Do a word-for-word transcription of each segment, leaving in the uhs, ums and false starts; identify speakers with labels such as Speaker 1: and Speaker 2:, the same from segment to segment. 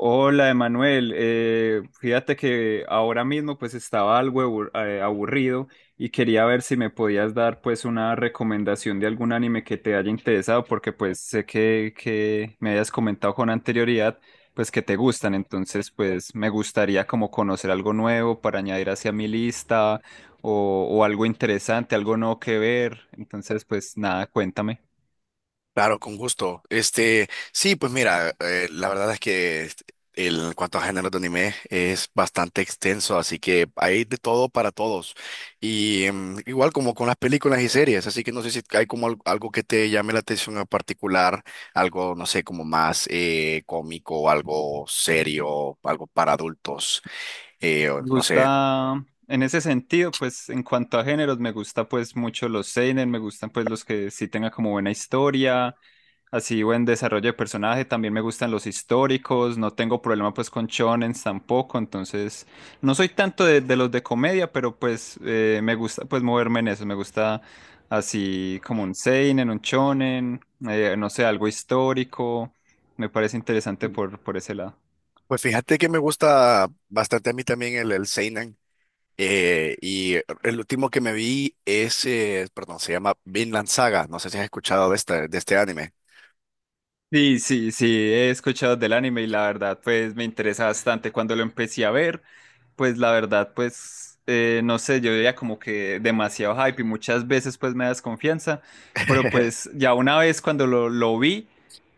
Speaker 1: Hola, Emanuel. Eh, fíjate que ahora mismo pues estaba algo abur- eh, aburrido y quería ver si me podías dar pues una recomendación de algún anime que te haya interesado porque pues sé que, que me hayas comentado con anterioridad pues que te gustan. Entonces pues me gustaría como conocer algo nuevo para añadir hacia mi lista o, o algo interesante, algo nuevo que ver. Entonces pues nada, cuéntame.
Speaker 2: Claro, con gusto. Este, sí, pues mira, eh, la verdad es que este, el, en cuanto a géneros de anime es bastante extenso, así que hay de todo para todos. Y em, igual como con las películas y series, así que no sé si hay como al- algo que te llame la atención en particular, algo, no sé, como más eh, cómico, algo serio, algo para adultos, eh, o
Speaker 1: Me
Speaker 2: no sé.
Speaker 1: gusta, en ese sentido, pues en cuanto a géneros, me gusta pues mucho los seinen, me gustan pues los que sí tengan como buena historia, así buen desarrollo de personaje, también me gustan los históricos, no tengo problema pues con shonens tampoco, entonces no soy tanto de, de los de comedia, pero pues eh, me gusta pues moverme en eso, me gusta así como un seinen, un shonen, eh, no sé, algo histórico, me parece interesante por, por ese lado.
Speaker 2: Pues fíjate que me gusta bastante a mí también el, el seinen. Eh, y el último que me vi es, eh, perdón, se llama Vinland Saga. No sé si has escuchado de este, de este anime.
Speaker 1: Sí, sí, sí, he escuchado del anime y la verdad, pues me interesa bastante. Cuando lo empecé a ver, pues la verdad, pues eh, no sé, yo veía como que demasiado hype y muchas veces pues me da desconfianza, pero pues ya una vez cuando lo, lo vi,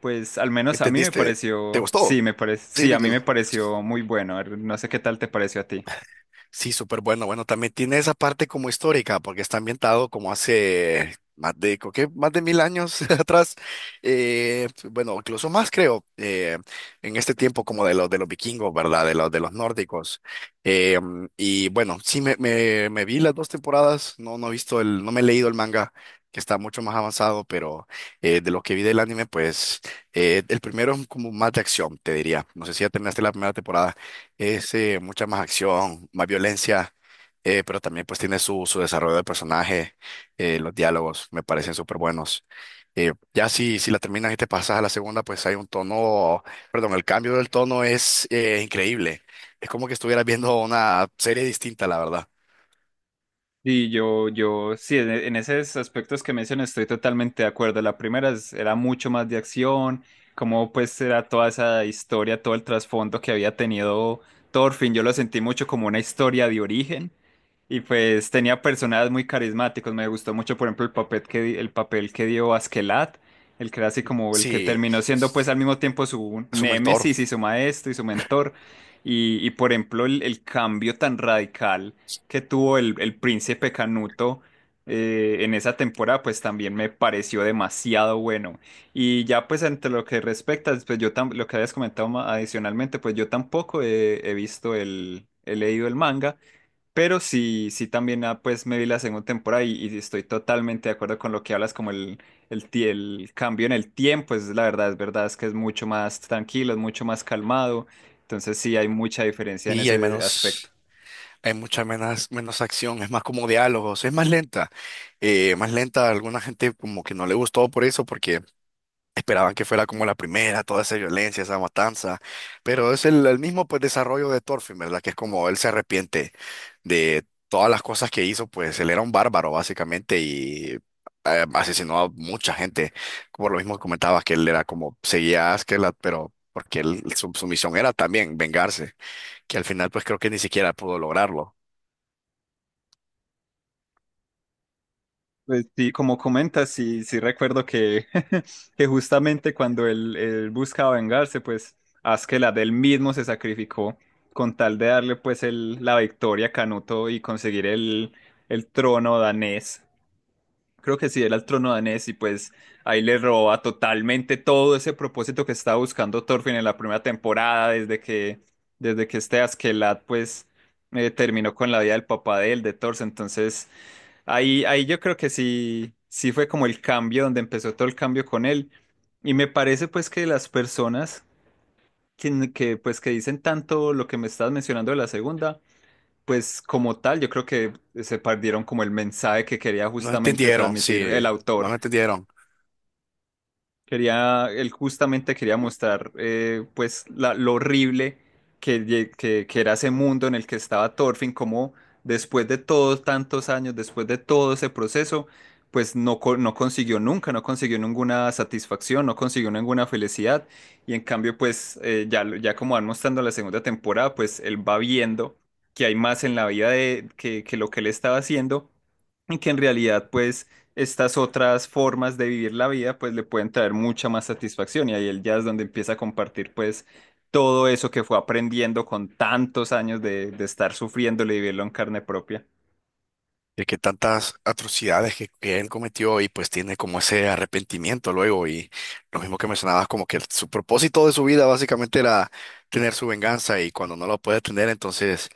Speaker 1: pues al menos a mí me
Speaker 2: ¿Entendiste? ¿Te
Speaker 1: pareció, sí,
Speaker 2: gustó?
Speaker 1: me parece,
Speaker 2: Sí,
Speaker 1: sí, a mí me pareció muy bueno. A ver, no sé qué tal te pareció a ti.
Speaker 2: Sí, súper bueno. Bueno, también tiene esa parte como histórica, porque está ambientado como hace más de, creo que más de mil años atrás. Eh, bueno, incluso más creo, eh, en este tiempo como de los de los vikingos, ¿verdad? De los de los nórdicos. Eh, mm, y bueno, sí me, me, me vi las dos temporadas. No, no he visto el, no me he leído el manga, que está mucho más avanzado, pero eh, de lo que vi del anime, pues eh, el primero es como más de acción, te diría. No sé si ya terminaste la primera temporada. Es eh, mucha más acción, más violencia, eh, pero también pues tiene su, su desarrollo de personaje, eh, los diálogos me parecen súper buenos. Eh, ya si, si la terminas y te pasas a la segunda, pues hay un tono, perdón, el cambio del tono es eh, increíble. Es como que estuvieras viendo una serie distinta, la verdad.
Speaker 1: Y yo, yo, sí, en, e, en esos aspectos que mencionas estoy totalmente de acuerdo. La primera es- era mucho más de acción, como pues era toda esa historia, todo el trasfondo que había tenido Thorfinn. Yo lo sentí mucho como una historia de origen y pues tenía personajes muy carismáticos. Me gustó mucho, por ejemplo, el papel que, di- el papel que dio Askelat, el que era así como el que
Speaker 2: Sí,
Speaker 1: terminó siendo pues al mismo tiempo su
Speaker 2: su mentor.
Speaker 1: némesis y su maestro y su mentor. Y, y por ejemplo, el el cambio tan radical que tuvo el, el príncipe Canuto eh, en esa temporada, pues también me pareció demasiado bueno. Y ya pues entre lo que respecta, pues yo tam- lo que habías comentado ma- adicionalmente, pues yo tampoco he, he visto el, he leído el manga, pero sí, sí también ah, pues me vi la segunda temporada y, y estoy totalmente de acuerdo con lo que hablas, como el, el, ti- el cambio en el tiempo, es la verdad, es verdad, es que es mucho más tranquilo, es mucho más calmado, entonces sí hay mucha diferencia en
Speaker 2: Y hay
Speaker 1: ese aspecto.
Speaker 2: menos, hay mucha menos, menos acción, es más como diálogos, es más lenta. Eh, más lenta, a alguna gente como que no le gustó por eso, porque esperaban que fuera como la primera, toda esa violencia, esa matanza, pero es el, el mismo pues desarrollo de Thorfinn, ¿verdad? Que es como él se arrepiente de todas las cosas que hizo, pues él era un bárbaro básicamente y eh, asesinó a mucha gente, como lo mismo comentabas que él era como seguía a Askeladd, pero porque él, su, su misión era también vengarse, que al final pues creo que ni siquiera pudo lograrlo.
Speaker 1: Pues sí, como comentas, sí, sí recuerdo que, que justamente cuando él, él buscaba vengarse, pues Askeladd él mismo se sacrificó con tal de darle pues el, la victoria a Canuto y conseguir el, el trono danés. Creo que sí, era el trono danés y pues ahí le roba totalmente todo ese propósito que estaba buscando Thorfinn en la primera temporada, desde que, desde que este Askeladd pues eh, terminó con la vida del papá de él, de Thor. Entonces... ahí, ahí yo creo que sí, sí fue como el cambio, donde empezó todo el cambio con él. Y me parece pues que las personas que, que, pues que dicen tanto lo que me estás mencionando de la segunda, pues como tal, yo creo que se perdieron como el mensaje que quería
Speaker 2: No
Speaker 1: justamente
Speaker 2: entendieron,
Speaker 1: transmitir
Speaker 2: sí,
Speaker 1: el
Speaker 2: no
Speaker 1: autor.
Speaker 2: lo entendieron.
Speaker 1: Quería, él justamente quería mostrar eh, pues la- lo horrible que, lle- que, que era ese mundo en el que estaba Thorfinn, como después de todos tantos años, después de todo ese proceso, pues no, co- no consiguió nunca, no consiguió ninguna satisfacción, no consiguió ninguna felicidad. Y en cambio, pues eh, ya, lo- ya como van mostrando la segunda temporada, pues él va viendo que hay más en la vida de, que, que lo que él estaba haciendo y que en realidad pues estas otras formas de vivir la vida, pues le pueden traer mucha más satisfacción y ahí él ya es donde empieza a compartir pues todo eso que fue aprendiendo con tantos años de, de estar sufriéndolo y vivirlo en carne propia.
Speaker 2: De que tantas atrocidades que, que él cometió y pues tiene como ese arrepentimiento luego y lo mismo que mencionabas como que el- su propósito de su vida básicamente era tener su venganza, y cuando no lo puede tener entonces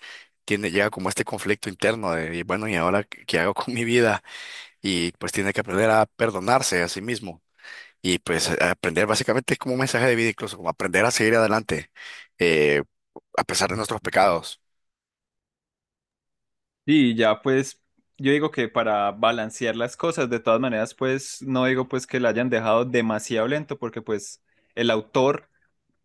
Speaker 2: tiene, llega como este conflicto interno de, y bueno, y ahora qué qué hago con mi vida. Y pues tiene que aprender a perdonarse a sí mismo y pues a- aprender, básicamente es como un mensaje de vida, incluso como aprender a seguir adelante, eh, a pesar de nuestros pecados.
Speaker 1: Y ya pues yo digo que para balancear las cosas, de todas maneras pues no digo pues que la hayan dejado demasiado lento porque pues el autor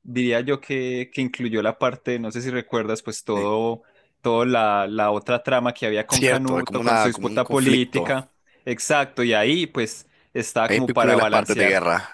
Speaker 1: diría yo que, que incluyó la parte, no sé si recuerdas, pues
Speaker 2: Eh,
Speaker 1: todo, todo la, la otra trama que había con
Speaker 2: Cierto, es como
Speaker 1: Canuto, con su
Speaker 2: una, como un
Speaker 1: disputa
Speaker 2: conflicto.
Speaker 1: política. Exacto, y ahí pues estaba
Speaker 2: Es
Speaker 1: como
Speaker 2: vínculo
Speaker 1: para
Speaker 2: en las partes de
Speaker 1: balancear.
Speaker 2: guerra.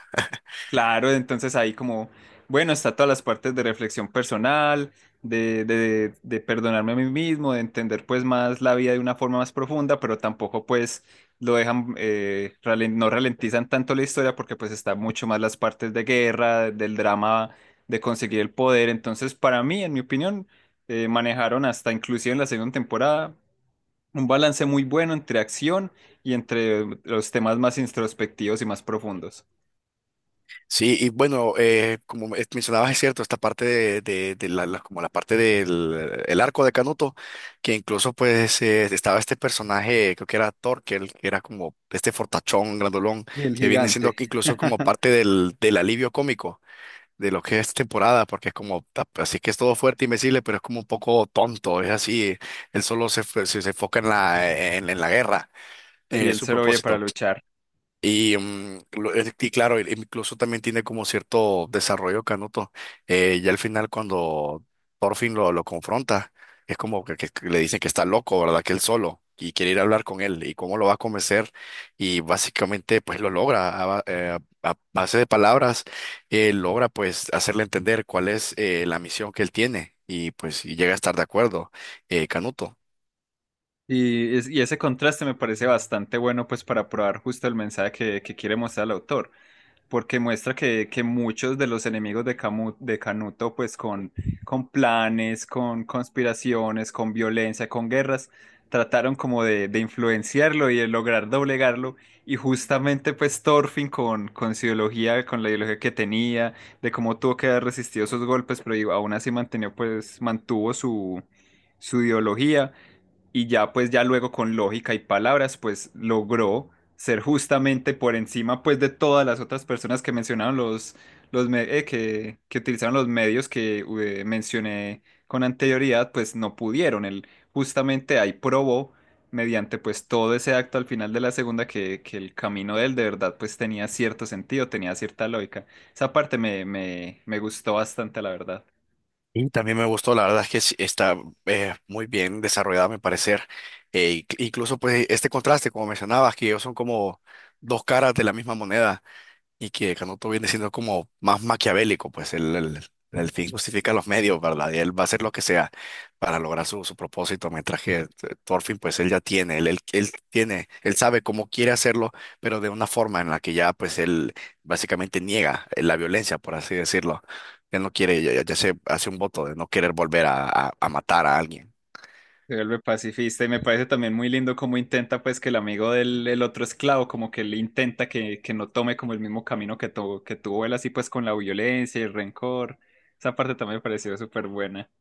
Speaker 1: Claro, entonces ahí como, bueno, está todas las partes de reflexión personal, de, de, de perdonarme a mí mismo, de entender pues más la vida de una forma más profunda, pero tampoco pues lo dejan, eh, ralen- no ralentizan tanto la historia porque pues está mucho más las partes de guerra, del drama de conseguir el poder. Entonces para mí, en mi opinión, eh, manejaron hasta inclusive en la segunda temporada un balance muy bueno entre acción y entre los temas más introspectivos y más profundos.
Speaker 2: Sí, y bueno, eh, como me- mencionabas, es cierto, esta parte de, de- de la, la- como la parte del el arco de Canuto, que incluso pues eh, estaba este personaje, creo que era Torkel, que era como este fortachón, grandolón,
Speaker 1: Y el
Speaker 2: que viene siendo
Speaker 1: gigante.
Speaker 2: que incluso como parte del, del alivio cómico de lo que es temporada, porque es como, ta- pues, así que es todo fuerte y invencible, pero es como un poco tonto, es así, él solo se, fue- se, se enfoca en la, en en la guerra,
Speaker 1: Y
Speaker 2: eh,
Speaker 1: él
Speaker 2: su
Speaker 1: se lo oye para
Speaker 2: propósito.
Speaker 1: luchar.
Speaker 2: Y, mm, lo- es- y claro, el- incluso también tiene como cierto desarrollo Canuto. Eh, ya al final cuando por fin lo, lo confronta, es como que, que- que le dicen que está loco, ¿verdad? Que él solo y quiere ir a hablar con él y cómo lo va a convencer. Y básicamente pues lo logra a, ba- eh, a- a base de palabras, eh, logra pues hacerle entender cuál es eh, la misión que él tiene, y pues y llega a estar de acuerdo, eh, Canuto.
Speaker 1: Y, es- y ese contraste me parece bastante bueno, pues para probar justo el mensaje que, que quiere mostrar el autor. Porque muestra que, que muchos de los enemigos de, Camu- de Canuto, pues con, con planes, con conspiraciones, con violencia, con guerras, trataron como de, de influenciarlo y de lograr doblegarlo. Y justamente pues Thorfinn con, con su ideología, con la ideología que tenía, de cómo tuvo que haber resistido esos golpes, pero aún así mantenió, pues, mantuvo su, su ideología y ya pues ya luego con lógica y palabras pues logró ser justamente por encima pues de todas las otras personas que mencionaron los, los me- eh, que, que utilizaron los medios que eh, mencioné con anterioridad pues no pudieron, él justamente ahí probó mediante pues todo ese acto al final de la segunda que, que el camino de él de verdad pues tenía cierto sentido, tenía cierta lógica. Esa parte me, me, me gustó bastante la verdad.
Speaker 2: Y también me gustó, la verdad es que sí, está eh, muy bien desarrollada, me parecer. Eh, inc- incluso pues este contraste, como mencionabas, que ellos son como dos caras de la misma moneda. Y que Canuto viene siendo como más maquiavélico, pues el, el, el fin justifica los medios, ¿verdad? Y él va a hacer lo que sea para lograr su, su propósito, mientras que eh, Thorfinn, pues él ya tiene, él, él, él tiene, él sabe cómo quiere hacerlo, pero de una forma en la que ya, pues él básicamente niega eh, la violencia, por así decirlo. Él no quiere, ya, ya ya se hace un voto de no querer volver a, a a matar a alguien.
Speaker 1: Se vuelve pacifista y me parece también muy lindo cómo intenta pues que el amigo del el otro esclavo como que le intenta que, que no tome como el mismo camino que, tu- que tuvo él así pues con la violencia y el rencor. Esa parte también me pareció súper buena.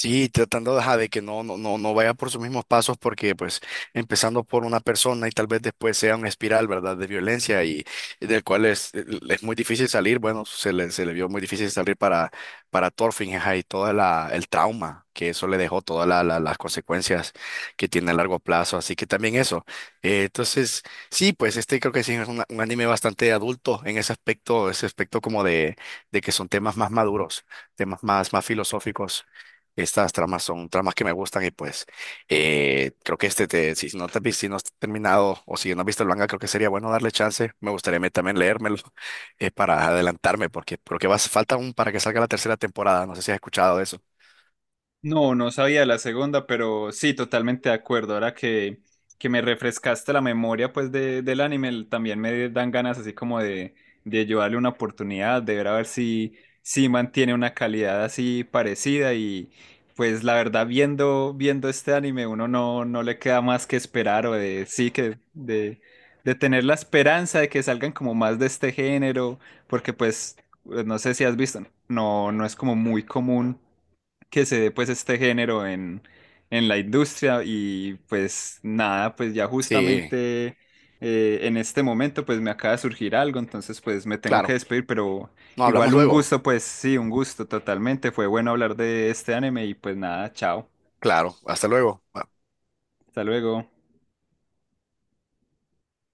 Speaker 2: Sí, tratando de ajá, de que no, no, no, no vaya por sus mismos pasos, porque pues empezando por una persona y tal vez después sea una espiral, ¿verdad? De violencia y, y del cual es, es muy difícil salir, bueno, se le, se le vio muy difícil salir para, para Thorfinn, ajá, y todo el trauma que eso le dejó, todas la- la- las consecuencias que tiene a largo plazo, así que también eso. Eh, entonces, sí, pues este creo que sí es una- un anime bastante adulto en ese aspecto, ese aspecto como de, de que son temas más maduros, temas más, más filosóficos. Estas tramas son tramas que me gustan y pues eh, creo que este, te, si no te has vis- si no has terminado, o si no has visto el manga, creo que sería bueno darle chance. Me gustaría a mí también leérmelo, eh, para adelantarme, porque creo que va, falta aún para que salga la tercera temporada. No sé si has escuchado de eso.
Speaker 1: No, no sabía la segunda, pero sí, totalmente de acuerdo. Ahora que, que me refrescaste la memoria pues de, del anime, el- también me dan ganas así como de, de yo darle una oportunidad, de ver a ver si, si mantiene una calidad así parecida y pues la verdad viendo, viendo este anime uno no, no le queda más que esperar o de sí que de, de tener la esperanza de que salgan como más de este género, porque pues no sé si has visto, no, no es como muy común que se dé pues este género en, en la industria y pues nada, pues ya
Speaker 2: Sí,
Speaker 1: justamente eh, en este momento pues me acaba de surgir algo, entonces pues me tengo que
Speaker 2: claro.
Speaker 1: despedir, pero
Speaker 2: No, hablamos
Speaker 1: igual un
Speaker 2: luego.
Speaker 1: gusto, pues sí, un gusto totalmente, fue bueno hablar de este anime y pues nada, chao,
Speaker 2: Claro, hasta luego.
Speaker 1: hasta luego.